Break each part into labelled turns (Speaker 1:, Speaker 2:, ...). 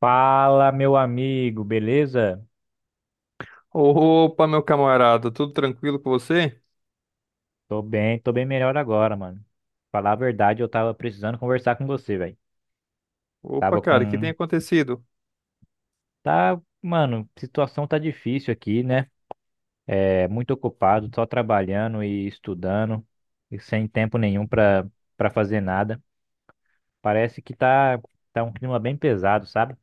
Speaker 1: Fala, meu amigo, beleza?
Speaker 2: Opa, meu camarada, tudo tranquilo com você?
Speaker 1: Tô bem melhor agora, mano. Falar a verdade, eu tava precisando conversar com você, velho.
Speaker 2: Opa,
Speaker 1: Tava
Speaker 2: cara, o que tem
Speaker 1: com.
Speaker 2: acontecido?
Speaker 1: Tá, mano, situação tá difícil aqui, né? É muito ocupado, só trabalhando e estudando, e sem tempo nenhum pra fazer nada. Parece que tá um clima bem pesado, sabe?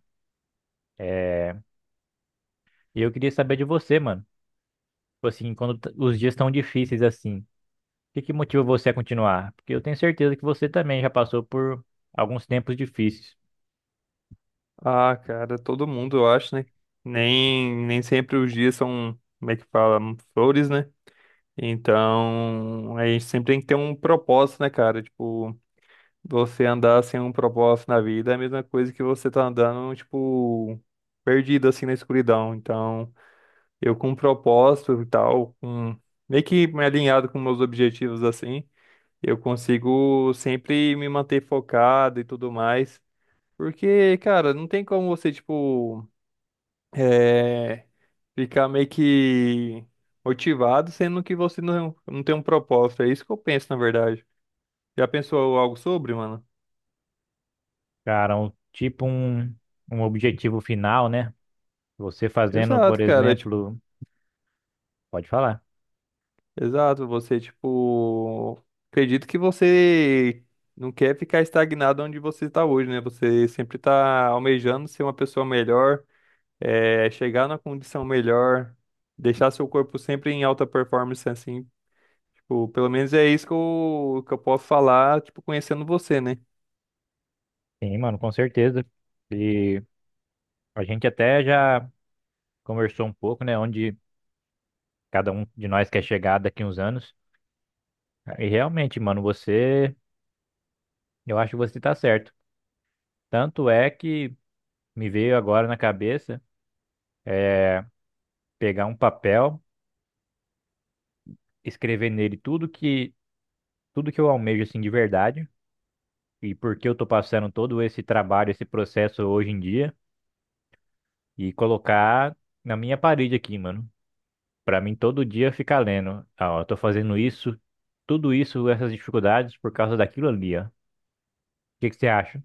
Speaker 1: É, e eu queria saber de você, mano. Tipo assim, quando os dias tão difíceis assim. Que motiva você a continuar? Porque eu tenho certeza que você também já passou por alguns tempos difíceis.
Speaker 2: Ah, cara, todo mundo, eu acho, né? Nem sempre os dias são, como é que fala, flores, né? Então, a gente sempre tem que ter um propósito, né, cara? Tipo, você andar sem um propósito na vida é a mesma coisa que você tá andando, tipo, perdido, assim, na escuridão. Então, eu com um propósito e tal, com, meio que me alinhado com meus objetivos, assim. Eu consigo sempre me manter focado e tudo mais. Porque, cara, não tem como você, tipo, é, ficar meio que motivado, sendo que você não tem um propósito. É isso que eu penso, na verdade. Já pensou algo sobre, mano?
Speaker 1: Cara, tipo um objetivo final, né? Você fazendo, por
Speaker 2: Exato, cara. Tipo,
Speaker 1: exemplo, pode falar.
Speaker 2: exato. Você, tipo, acredito que você não quer ficar estagnado onde você está hoje, né? Você sempre tá almejando ser uma pessoa melhor é, chegar na condição melhor, deixar seu corpo sempre em alta performance, assim, tipo, pelo menos é isso que eu posso falar, tipo, conhecendo você, né?
Speaker 1: Sim, mano, com certeza. E a gente até já conversou um pouco, né? Onde cada um de nós quer chegar daqui uns anos. E realmente, mano, eu acho que você tá certo. Tanto é que me veio agora na cabeça é, pegar um papel, escrever nele tudo que eu almejo assim de verdade, e por que eu tô passando todo esse trabalho, esse processo hoje em dia, e colocar na minha parede aqui, mano. Pra mim todo dia ficar lendo, ah, ó, eu tô fazendo isso, tudo isso, essas dificuldades por causa daquilo ali, ó. O que que você acha?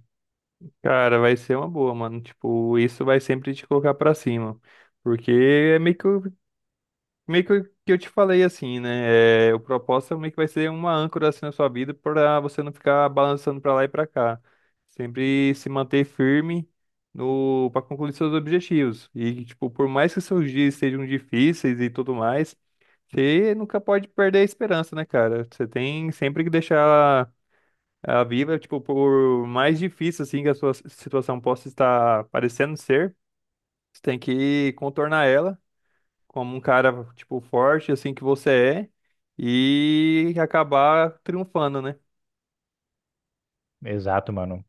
Speaker 2: Cara, vai ser uma boa, mano, tipo, isso vai sempre te colocar pra cima, porque é meio que eu te falei assim, né? É, o propósito é meio que vai ser uma âncora assim na sua vida para você não ficar balançando para lá e para cá. Sempre se manter firme no para concluir seus objetivos. E tipo, por mais que seus dias sejam difíceis e tudo mais, você nunca pode perder a esperança, né, cara? Você tem sempre que deixar ela viva, tipo, por mais difícil assim que a sua situação possa estar parecendo ser, você tem que contornar ela como um cara, tipo, forte, assim que você é, e acabar triunfando, né?
Speaker 1: Exato, mano.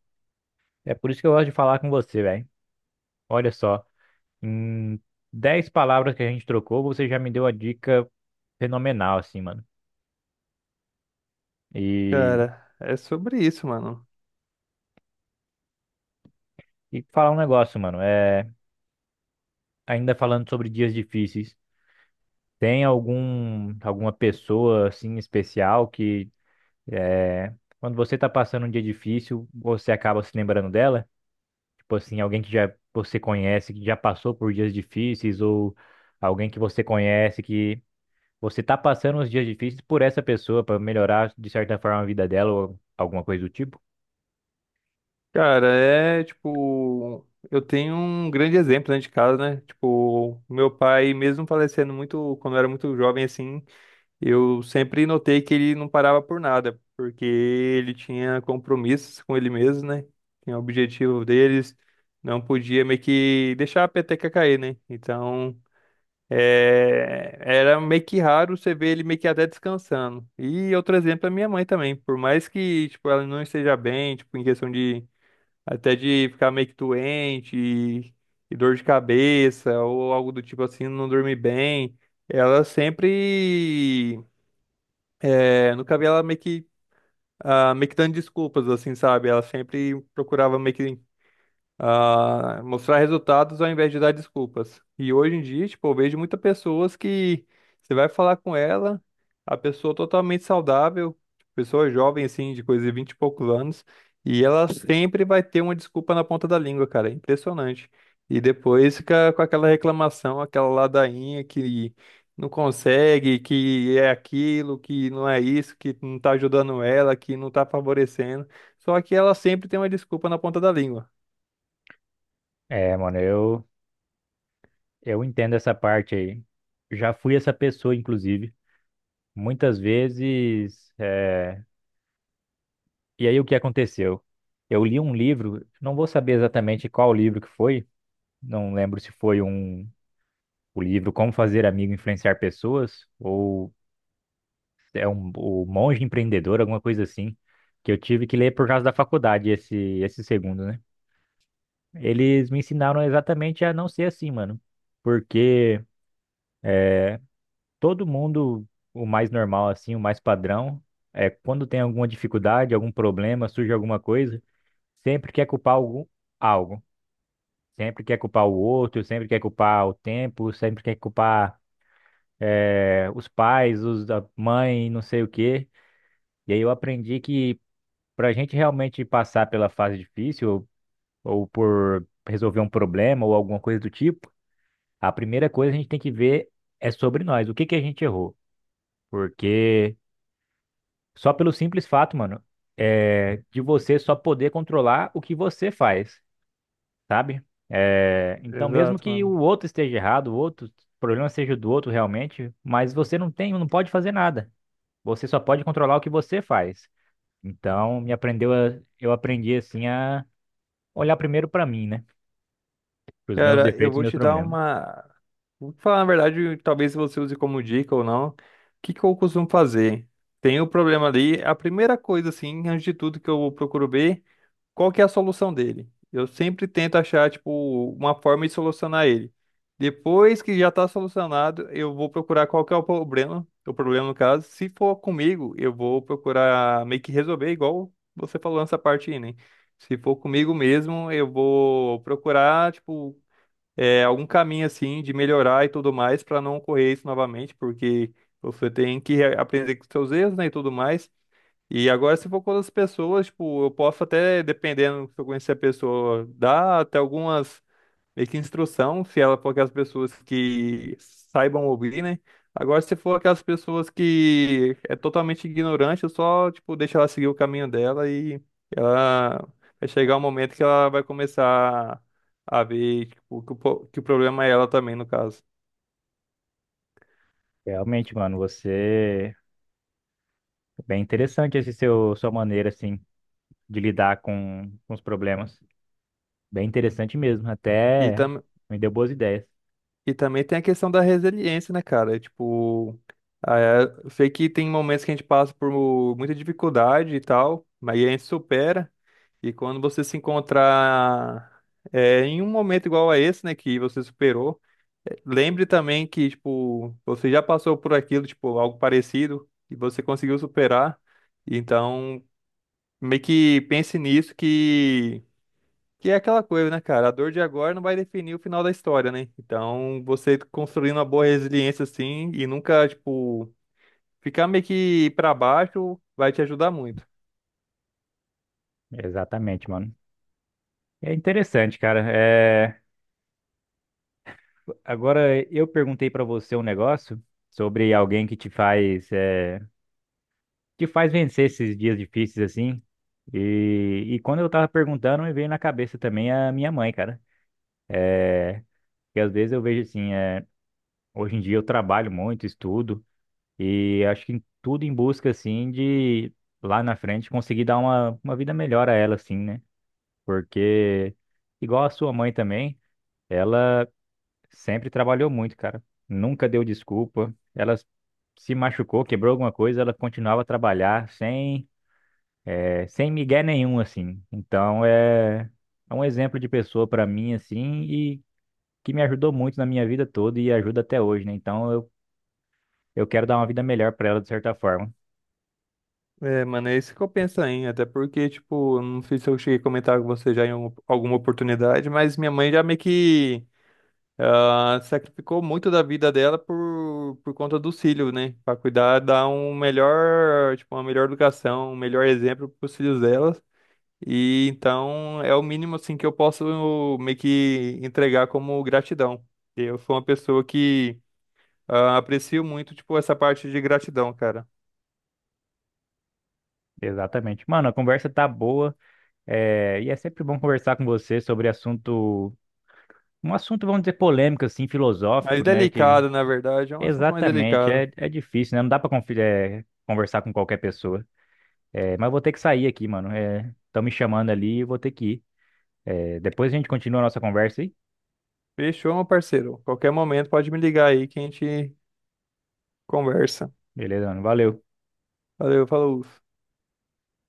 Speaker 1: É por isso que eu gosto de falar com você, velho. Olha só, em 10 palavras que a gente trocou, você já me deu a dica fenomenal, assim, mano. E,
Speaker 2: Cara, é sobre isso, mano.
Speaker 1: e falar um negócio, mano. Ainda falando sobre dias difíceis. Tem alguma pessoa assim especial que, é, quando você tá passando um dia difícil, você acaba se lembrando dela? Tipo assim, alguém que já você conhece, que já passou por dias difíceis, ou alguém que você conhece que você tá passando os dias difíceis por essa pessoa para melhorar de certa forma a vida dela ou alguma coisa do tipo?
Speaker 2: Cara, é tipo, eu tenho um grande exemplo dentro de casa, né? Tipo, meu pai, mesmo falecendo muito, quando eu era muito jovem, assim, eu sempre notei que ele não parava por nada, porque ele tinha compromissos com ele mesmo, né? Tinha o objetivo deles, não podia meio que deixar a peteca cair, né? Então. É, era meio que raro você ver ele meio que até descansando. E outro exemplo é minha mãe também. Por mais que, tipo, ela não esteja bem, tipo, em questão de até de ficar meio que doente e dor de cabeça ou algo do tipo assim, não dormir bem, ela sempre, é, nunca vi ela meio que, ah, meio que dando desculpas, assim, sabe? Ela sempre procurava meio que ah, mostrar resultados ao invés de dar desculpas. E hoje em dia, tipo, eu vejo muitas pessoas que você vai falar com ela, a pessoa totalmente saudável, pessoa jovem, assim, de coisa de 20 e poucos anos, e ela sempre vai ter uma desculpa na ponta da língua, cara. É impressionante. E depois fica com aquela reclamação, aquela ladainha que não consegue, que é aquilo, que não é isso, que não tá ajudando ela, que não tá favorecendo. Só que ela sempre tem uma desculpa na ponta da língua.
Speaker 1: Mano, eu entendo essa parte aí. Já fui essa pessoa, inclusive. Muitas vezes, e aí o que aconteceu? Eu li um livro, não vou saber exatamente qual livro que foi, não lembro se foi o livro Como Fazer Amigo e Influenciar Pessoas, ou o Monge Empreendedor, alguma coisa assim, que eu tive que ler por causa da faculdade esse segundo, né? Eles me ensinaram exatamente a não ser assim, mano, porque todo mundo, o mais normal assim, o mais padrão é quando tem alguma dificuldade, algum problema, surge alguma coisa, sempre quer culpar algum algo. Sempre quer culpar o outro, sempre quer culpar o tempo, sempre quer culpar os pais, os da mãe, não sei o quê. E aí eu aprendi que, para a gente realmente passar pela fase difícil ou por resolver um problema ou alguma coisa do tipo, a primeira coisa que a gente tem que ver é sobre nós, o que que a gente errou. Porque, só pelo simples fato, mano, é de você só poder controlar o que você faz. Sabe? É, então, mesmo
Speaker 2: Exato,
Speaker 1: que
Speaker 2: mano.
Speaker 1: o outro esteja errado, o problema seja do outro realmente, mas você não tem, não pode fazer nada. Você só pode controlar o que você faz. Então, eu aprendi assim a olhar primeiro pra mim, né? Para os meus
Speaker 2: Cara, eu
Speaker 1: defeitos,
Speaker 2: vou
Speaker 1: meus
Speaker 2: te dar
Speaker 1: problemas.
Speaker 2: uma. Vou falar, na verdade, talvez você use como dica ou não. O que que eu costumo fazer? Tem o problema ali. A primeira coisa, assim, antes de tudo que eu procuro ver. Qual que é a solução dele? Eu sempre tento achar, tipo, uma forma de solucionar ele. Depois que já está solucionado, eu vou procurar qual que é o problema no caso. Se for comigo, eu vou procurar meio que resolver, igual você falou nessa parte aí, né? Se for comigo mesmo, eu vou procurar, tipo, é, algum caminho assim de melhorar e tudo mais para não ocorrer isso novamente, porque você tem que aprender com seus erros, né, e tudo mais. E agora, se for com outras pessoas, tipo, eu posso até, dependendo se eu conhecer a pessoa, dar até algumas meio que instrução, se ela for aquelas pessoas que saibam ouvir, né? Agora, se for aquelas pessoas que é totalmente ignorante, eu só, tipo, deixo ela seguir o caminho dela e ela vai chegar um momento que ela vai começar a ver, tipo, que o, que o problema é ela também, no caso.
Speaker 1: Realmente, mano, você é bem interessante esse seu sua maneira assim de lidar com os problemas. Bem interessante mesmo,
Speaker 2: E
Speaker 1: até
Speaker 2: tam,
Speaker 1: me deu boas ideias.
Speaker 2: E também tem a questão da resiliência, né, cara? É, tipo, ah, é, eu sei que tem momentos que a gente passa por muita dificuldade e tal, mas aí a gente supera. E quando você se encontrar é, em um momento igual a esse, né, que você superou, é, lembre também que, tipo, você já passou por aquilo, tipo, algo parecido, e você conseguiu superar. Então, meio que pense nisso que. Que é aquela coisa, né, cara? A dor de agora não vai definir o final da história, né? Então, você construindo uma boa resiliência assim e nunca, tipo, ficar meio que pra baixo vai te ajudar muito.
Speaker 1: Exatamente, mano. É interessante, cara. Agora, eu perguntei para você um negócio sobre alguém que te faz vencer esses dias difíceis assim. E quando eu tava perguntando, me veio na cabeça também a minha mãe, cara. Que às vezes eu vejo assim, hoje em dia eu trabalho muito, estudo, e acho que tudo em busca assim de lá na frente conseguir dar uma vida melhor a ela, assim, né? Porque, igual a sua mãe também, ela. Sempre trabalhou muito, cara. Nunca deu desculpa. Ela se machucou, quebrou alguma coisa, ela continuava a trabalhar sem migué nenhum, assim. Então é um exemplo de pessoa pra mim, assim, e que me ajudou muito na minha vida toda e ajuda até hoje, né? Então eu quero dar uma vida melhor pra ela, de certa forma.
Speaker 2: É, mano, é isso que eu penso aí, até porque, tipo, não sei se eu cheguei a comentar com você já em alguma oportunidade, mas minha mãe já meio que ah, sacrificou muito da vida dela por conta dos filhos, né? Pra cuidar, dar um melhor, tipo, uma melhor educação, um melhor exemplo pros filhos dela. E então é o mínimo assim que eu posso meio que entregar como gratidão. Eu sou uma pessoa que ah, aprecio muito, tipo, essa parte de gratidão, cara.
Speaker 1: Exatamente. Mano, a conversa tá boa, e é sempre bom conversar com você sobre um assunto, vamos dizer, polêmico, assim, filosófico,
Speaker 2: Mais
Speaker 1: né? Que
Speaker 2: delicado, na verdade, é um assunto mais
Speaker 1: Exatamente,
Speaker 2: delicado.
Speaker 1: é difícil, né? Não dá pra conversar com qualquer pessoa. Mas eu vou ter que sair aqui, mano. Estão me chamando ali e eu vou ter que ir. Depois a gente continua a nossa conversa aí.
Speaker 2: Fechou, meu parceiro. Qualquer momento pode me ligar aí que a gente conversa.
Speaker 1: Beleza, mano? Valeu.
Speaker 2: Valeu, falou.